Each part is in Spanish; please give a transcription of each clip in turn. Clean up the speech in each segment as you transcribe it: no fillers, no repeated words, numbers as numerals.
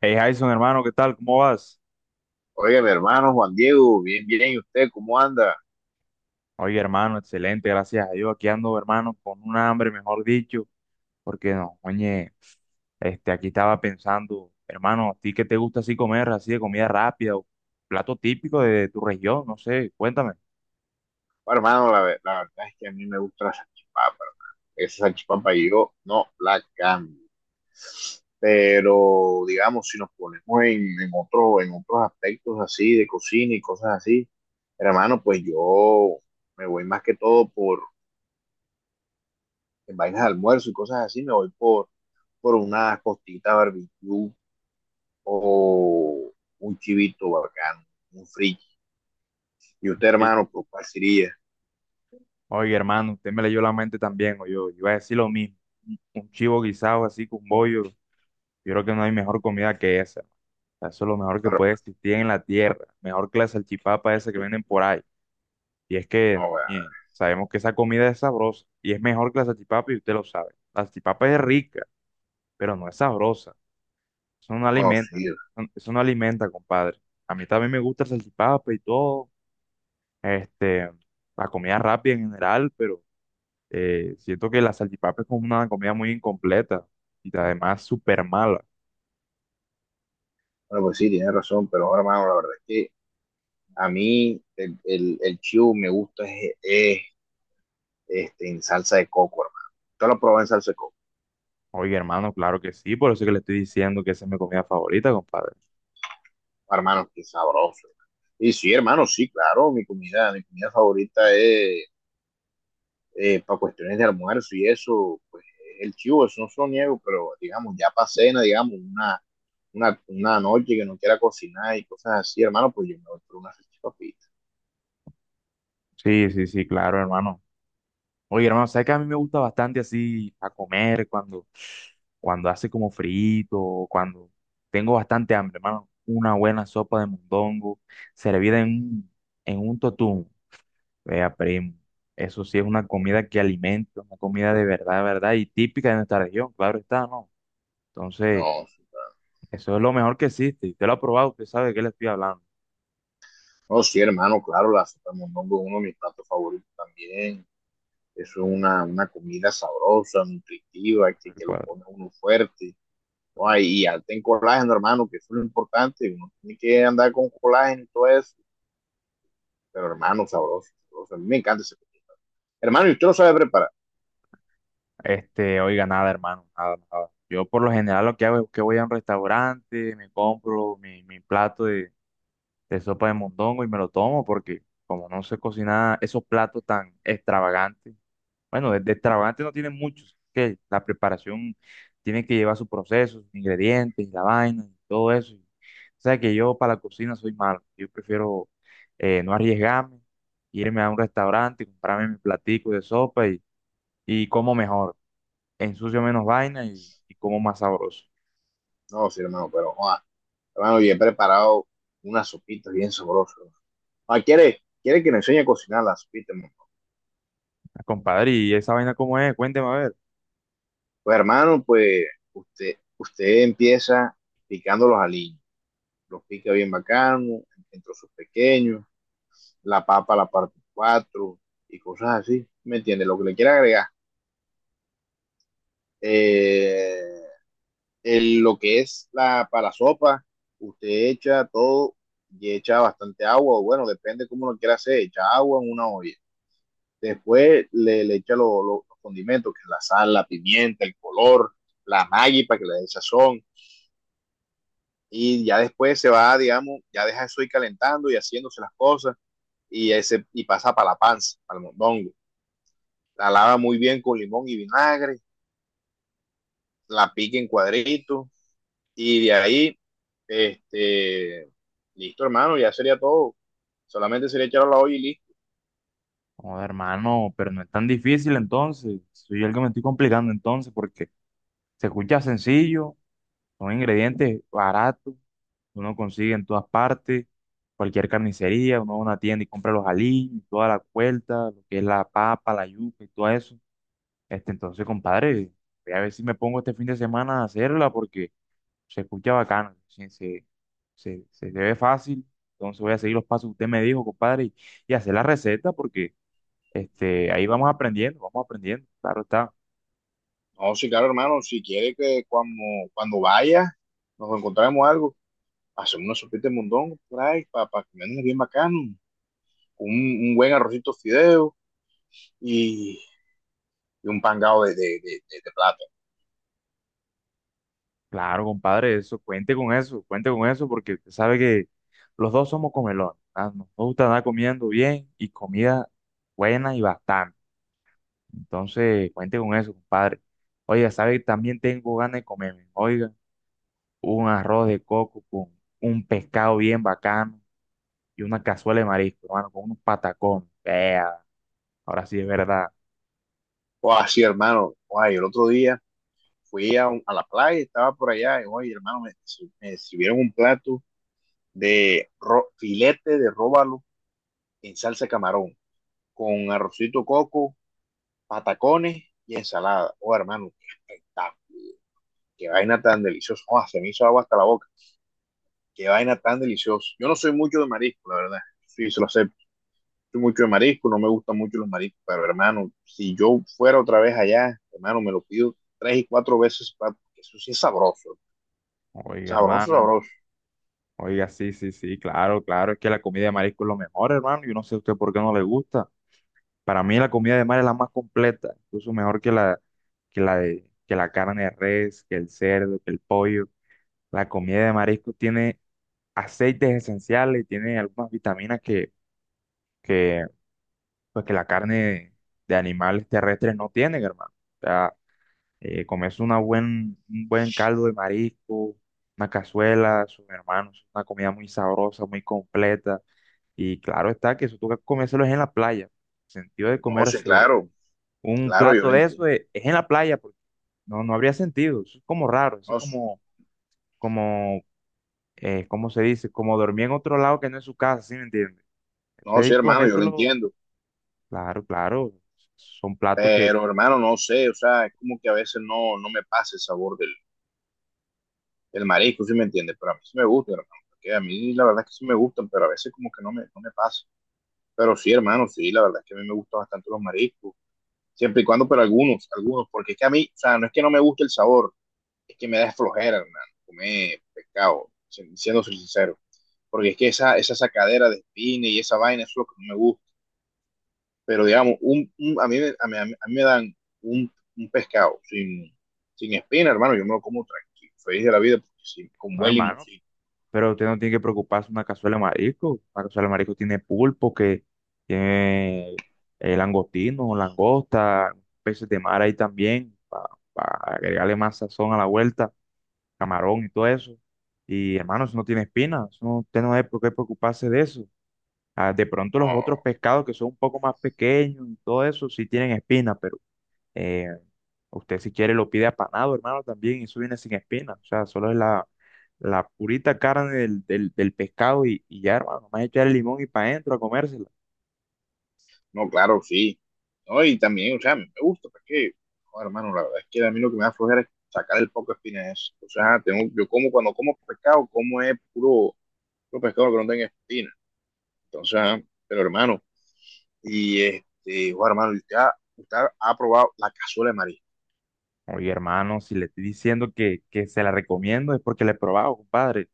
Hey Jason, hermano, ¿qué tal? ¿Cómo vas? Oiga, mi hermano Juan Diego, bien, bien, ¿y usted cómo anda? Oye, hermano, excelente, gracias a Dios. Aquí ando, hermano, con un hambre, mejor dicho, porque no, oye, aquí estaba pensando, hermano, ¿a ti qué te gusta así comer, así de comida rápida o plato típico de tu región? No sé, cuéntame. Bueno, hermano, la verdad es que a mí me gusta la salchipapa, hermano. Esa salchipapa yo no la cambio. Pero, digamos, si nos ponemos en otro, en otros aspectos así de cocina y cosas así, hermano, pues yo me voy más que todo por, en vainas de almuerzo y cosas así, me voy por una costita barbecue o un chivito bacano, un frito. ¿Y usted, Pero, hermano, por cuál sería? oye, hermano, usted me leyó la mente también, o yo iba a decir lo mismo. Un chivo guisado así con bollo, yo creo que no hay mejor comida que esa, hermano. Eso es lo mejor que puede existir en la tierra, mejor que la salchipapa esa que venden por ahí. Y es que, No, weón. oye, sabemos que esa comida es sabrosa y es mejor que la salchipapa y usted lo sabe. La salchipapa es rica, pero no es sabrosa. Eso no No, alimenta. sí. No, eso no alimenta, compadre. A mí también me gusta la salchipapa y todo. Este, la comida rápida en general, pero siento que la salchipapa es como una comida muy incompleta y además súper mala. Bueno, pues sí, tienes razón, pero bueno, hermano, la verdad es que a mí el chivo me gusta es en salsa de coco, hermano. Yo lo probé en salsa de coco, Oye, hermano, claro que sí, por eso es que le estoy diciendo que esa es mi comida favorita, compadre. hermano, qué sabroso. Hermano. Y sí, hermano, sí, claro, mi comida favorita es para cuestiones de almuerzo y eso, pues el chivo, eso no se lo niego, pero digamos, ya para cena, digamos, una noche que no quiera cocinar y cosas así, hermano, pues yo me voy por una salchipapita. Sí, sí, sí, claro, hermano. Oye, hermano, ¿sabes que a mí me gusta bastante así a comer cuando, cuando hace como frito, o cuando tengo bastante hambre, hermano? Una buena sopa de mondongo servida en un totum. Vea, primo. Eso sí es una comida que alimenta, una comida de verdad, y típica de nuestra región, claro está, ¿no? Entonces, No. eso es lo mejor que existe. Y usted lo ha probado, usted sabe de qué le estoy hablando. No, sí, hermano, claro, la sopa de mondongo es uno de mis platos favoritos también. Eso es una comida sabrosa, nutritiva, que lo pone uno fuerte. Ay, y alta en colágeno, hermano, que eso es lo importante. Uno tiene que andar con colágeno y todo eso. Pero, hermano, sabroso, sabroso. A mí me encanta ese plato. Hermano, ¿y usted lo sabe preparar? Oiga, nada, hermano, nada, nada. Yo por lo general lo que hago es que voy a un restaurante, me compro mi, mi plato de sopa de mondongo y me lo tomo porque como no sé cocinar esos platos tan extravagantes, bueno, de extravagantes no tienen muchos, que la preparación tiene que llevar su proceso, sus ingredientes, la vaina y todo eso. O sea que yo para la cocina soy malo, yo prefiero no arriesgarme, irme a un restaurante, comprarme mi platico de sopa y como mejor ensucio menos vaina y como más sabroso. No, sí, hermano, pero, no, ah, hermano, yo he preparado unas sopitas bien sabrosas. Ah, ¿quiere que le enseñe a cocinar las sopitas, hermano? Ah, compadre, ¿y esa vaina cómo es? Cuénteme a ver. Pues, hermano, pues, usted empieza picando los aliños, los pica bien bacano, entre sus pequeños, la papa, la parte 4 y cosas así, ¿me entiendes? Lo que le quiera agregar. Eh, el, lo que es la, para la sopa, usted echa todo y echa bastante agua, o bueno, depende cómo lo quiera hacer, echa agua en una olla. Después le echa los condimentos, que es la sal, la pimienta, el color, la maggi para que le dé sazón. Y ya después se va, digamos, ya deja eso ir calentando y haciéndose las cosas y, ese, y pasa para la panza, para el mondongo. La lava muy bien con limón y vinagre, la pica en cuadritos y de ahí, este, listo hermano, ya sería todo. Solamente sería echarlo a la olla y listo. Joder, hermano, pero no es tan difícil entonces. Soy yo el que me estoy complicando entonces porque se escucha sencillo, son ingredientes baratos, uno consigue en todas partes, cualquier carnicería, uno va a una tienda y compra los aliños, y toda la vuelta, lo que es la papa, la yuca y todo eso. Entonces, compadre, voy a ver si me pongo este fin de semana a hacerla porque se escucha bacano, se, se ve fácil, entonces voy a seguir los pasos que usted me dijo, compadre, y hacer la receta porque ahí vamos aprendiendo, claro está, No, sí, claro hermano, si quiere que cuando vaya nos encontremos algo, hacemos una sopita de mondongo por ahí para pa comernos bien bacano, un buen arrocito fideo y, y un pangado de plata. claro, compadre, eso, cuente con eso, cuente con eso porque usted sabe que los dos somos comelones, ¿ah? Nos gusta andar comiendo bien y comida buena y bastante, entonces cuente con eso, compadre. Oiga, sabe que también tengo ganas de comerme, oiga, un arroz de coco con un pescado bien bacano y una cazuela de marisco, hermano, con unos patacones. Vea, ahora sí es verdad. O así hermano, o ay, el otro día fui a, un- a la playa, estaba por allá, y oye, hermano, me sirvieron un plato de ro- filete de róbalo en salsa de camarón, con arrocito coco, patacones y ensalada. Oh, hermano, qué espectáculo, qué vaina tan deliciosa. Oh, se me hizo agua hasta la boca, qué vaina tan deliciosa. Yo no soy mucho de marisco, la verdad, sí, se lo acepto. Soy mucho de marisco, no me gustan mucho los mariscos, pero hermano, si yo fuera otra vez allá, hermano, me lo pido tres y cuatro veces, pa- porque eso sí es sabroso, Oiga, sabroso, hermano. sabroso. Oiga, sí, sí, sí, claro, claro. Es que la comida de marisco es lo mejor, hermano. Yo no sé a usted por qué no le gusta. Para mí la comida de mar es la más completa, incluso mejor que la de, que la carne de res, que el cerdo, que el pollo. La comida de marisco tiene aceites esenciales y tiene algunas vitaminas que, pues, que la carne de animales terrestres no tienen, hermano. O sea, comerse una buen, un buen caldo de marisco, una cazuela, sus hermanos, una comida muy sabrosa, muy completa. Y claro está que eso toca comérselo es en la playa. El sentido de No, sé, comerse claro, un claro, yo plato lo de eso entiendo. Es en la playa, porque no, no habría sentido. Eso es como raro, eso No, es s- como, como ¿cómo se dice? Como dormir en otro lado que no es su casa, ¿sí me entiendes? Eso no, hay sé, que hermano, yo lo comérselo, entiendo. claro, claro. Son platos que, Pero, hermano, no sé, o sea, es como que a veces no me pasa el sabor del, del marisco, ¿sí me entiendes? Pero a mí sí me gusta, hermano, porque a mí la verdad es que sí me gustan, pero a veces como que no me pasa. Pero sí, hermano, sí, la verdad es que a mí me gustan bastante los mariscos, siempre y cuando, pero algunos, algunos, porque es que a mí, o sea, no es que no me guste el sabor, es que me da flojera, hermano, comer pescado, si- siendo sincero, porque es que esa sacadera de espina y esa vaina, eso es lo que no me gusta. Pero digamos, un- a mí, me- a mí, a mí- a mí me dan un, un pescado sin, sin espina, hermano, yo me lo como tranquilo, feliz de la vida, porque sí, con no, buen hermano. limoncito. Pero usted no tiene que preocuparse una cazuela de marisco. Una cazuela de marisco tiene pulpo, que tiene langostino, langosta, peces de mar ahí también, para agregarle más sazón a la vuelta, camarón y todo eso. Y hermano, eso no tiene espinas, eso no- usted no hay por qué preocuparse de eso. Ah, de pronto los otros No, pescados que son un poco más pequeños y todo eso sí tienen espinas, pero eh, usted si quiere lo pide apanado, hermano, también, y eso viene sin espina. O sea, solo es la, la purita carne del, del, del pescado y ya, hermano, más echar el limón y para adentro a comérsela. no, claro, sí. No, y también, o sea, me gusta, porque, joder, hermano, la verdad es que a mí lo que me da flojera es sacar el poco de espina de eso. O sea, tengo, yo como cuando como pescado, como es puro, puro pescado que no tenga espina. Entonces, ajá, pero hermano, y este, joder, hermano, usted ha probado la cazuela de marisco. Oye, hermano, si le estoy diciendo que se la recomiendo es porque la he probado, compadre.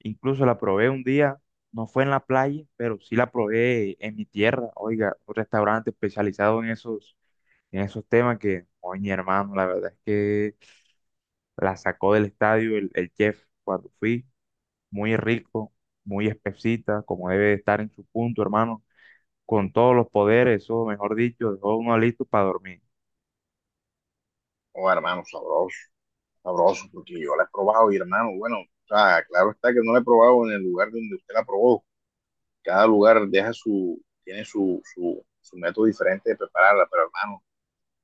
Incluso la probé un día, no fue en la playa, pero sí la probé en mi tierra, oiga, un restaurante especializado en esos temas que, oye, hermano, la verdad es que la sacó del estadio el chef cuando fui. Muy rico, muy espesita, como debe de estar en su punto, hermano, con todos los poderes, eso, mejor dicho, dejó uno listo para dormir. Oh, hermano, sabroso. Sabroso, porque yo la he probado, y hermano, bueno, o sea, claro está que no la he probado en el lugar donde usted la probó. Cada lugar deja su, tiene su, su, su método diferente de prepararla, pero hermano,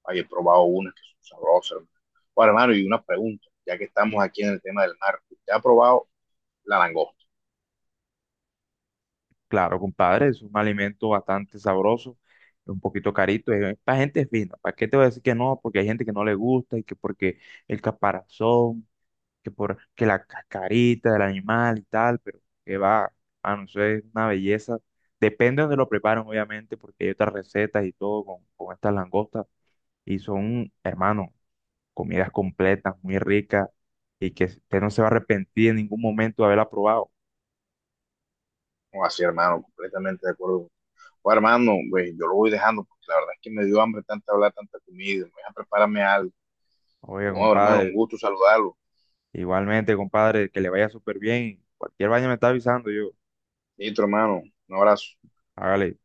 ay, he probado unas que son sabrosas, hermano. Bueno, hermano, y una pregunta, ya que estamos aquí en el tema del mar, ¿usted ha probado la langosta? Claro, compadre, es un alimento bastante sabroso, un poquito carito, es para gente fina. ¿Para qué te voy a decir que no? Porque hay gente que no le gusta y que porque el caparazón, que por que la cascarita del animal y tal, pero que va, hermano, eso es una belleza. Depende de donde lo preparan, obviamente, porque hay otras recetas y todo con estas langostas. Y son, hermano, comidas completas, muy ricas, y que usted no se va a arrepentir en ningún momento de haberla probado. No, así, hermano, completamente de acuerdo. Bueno, hermano, pues, yo lo voy dejando, porque la verdad es que me dio hambre tanta hablar, tanta comida, me voy a prepararme algo. Oiga, Bueno, hermano, un compadre, gusto saludarlo. igualmente, compadre, que le vaya súper bien. Cualquier vaina me está avisando yo. Listo, hermano, un abrazo. Hágale.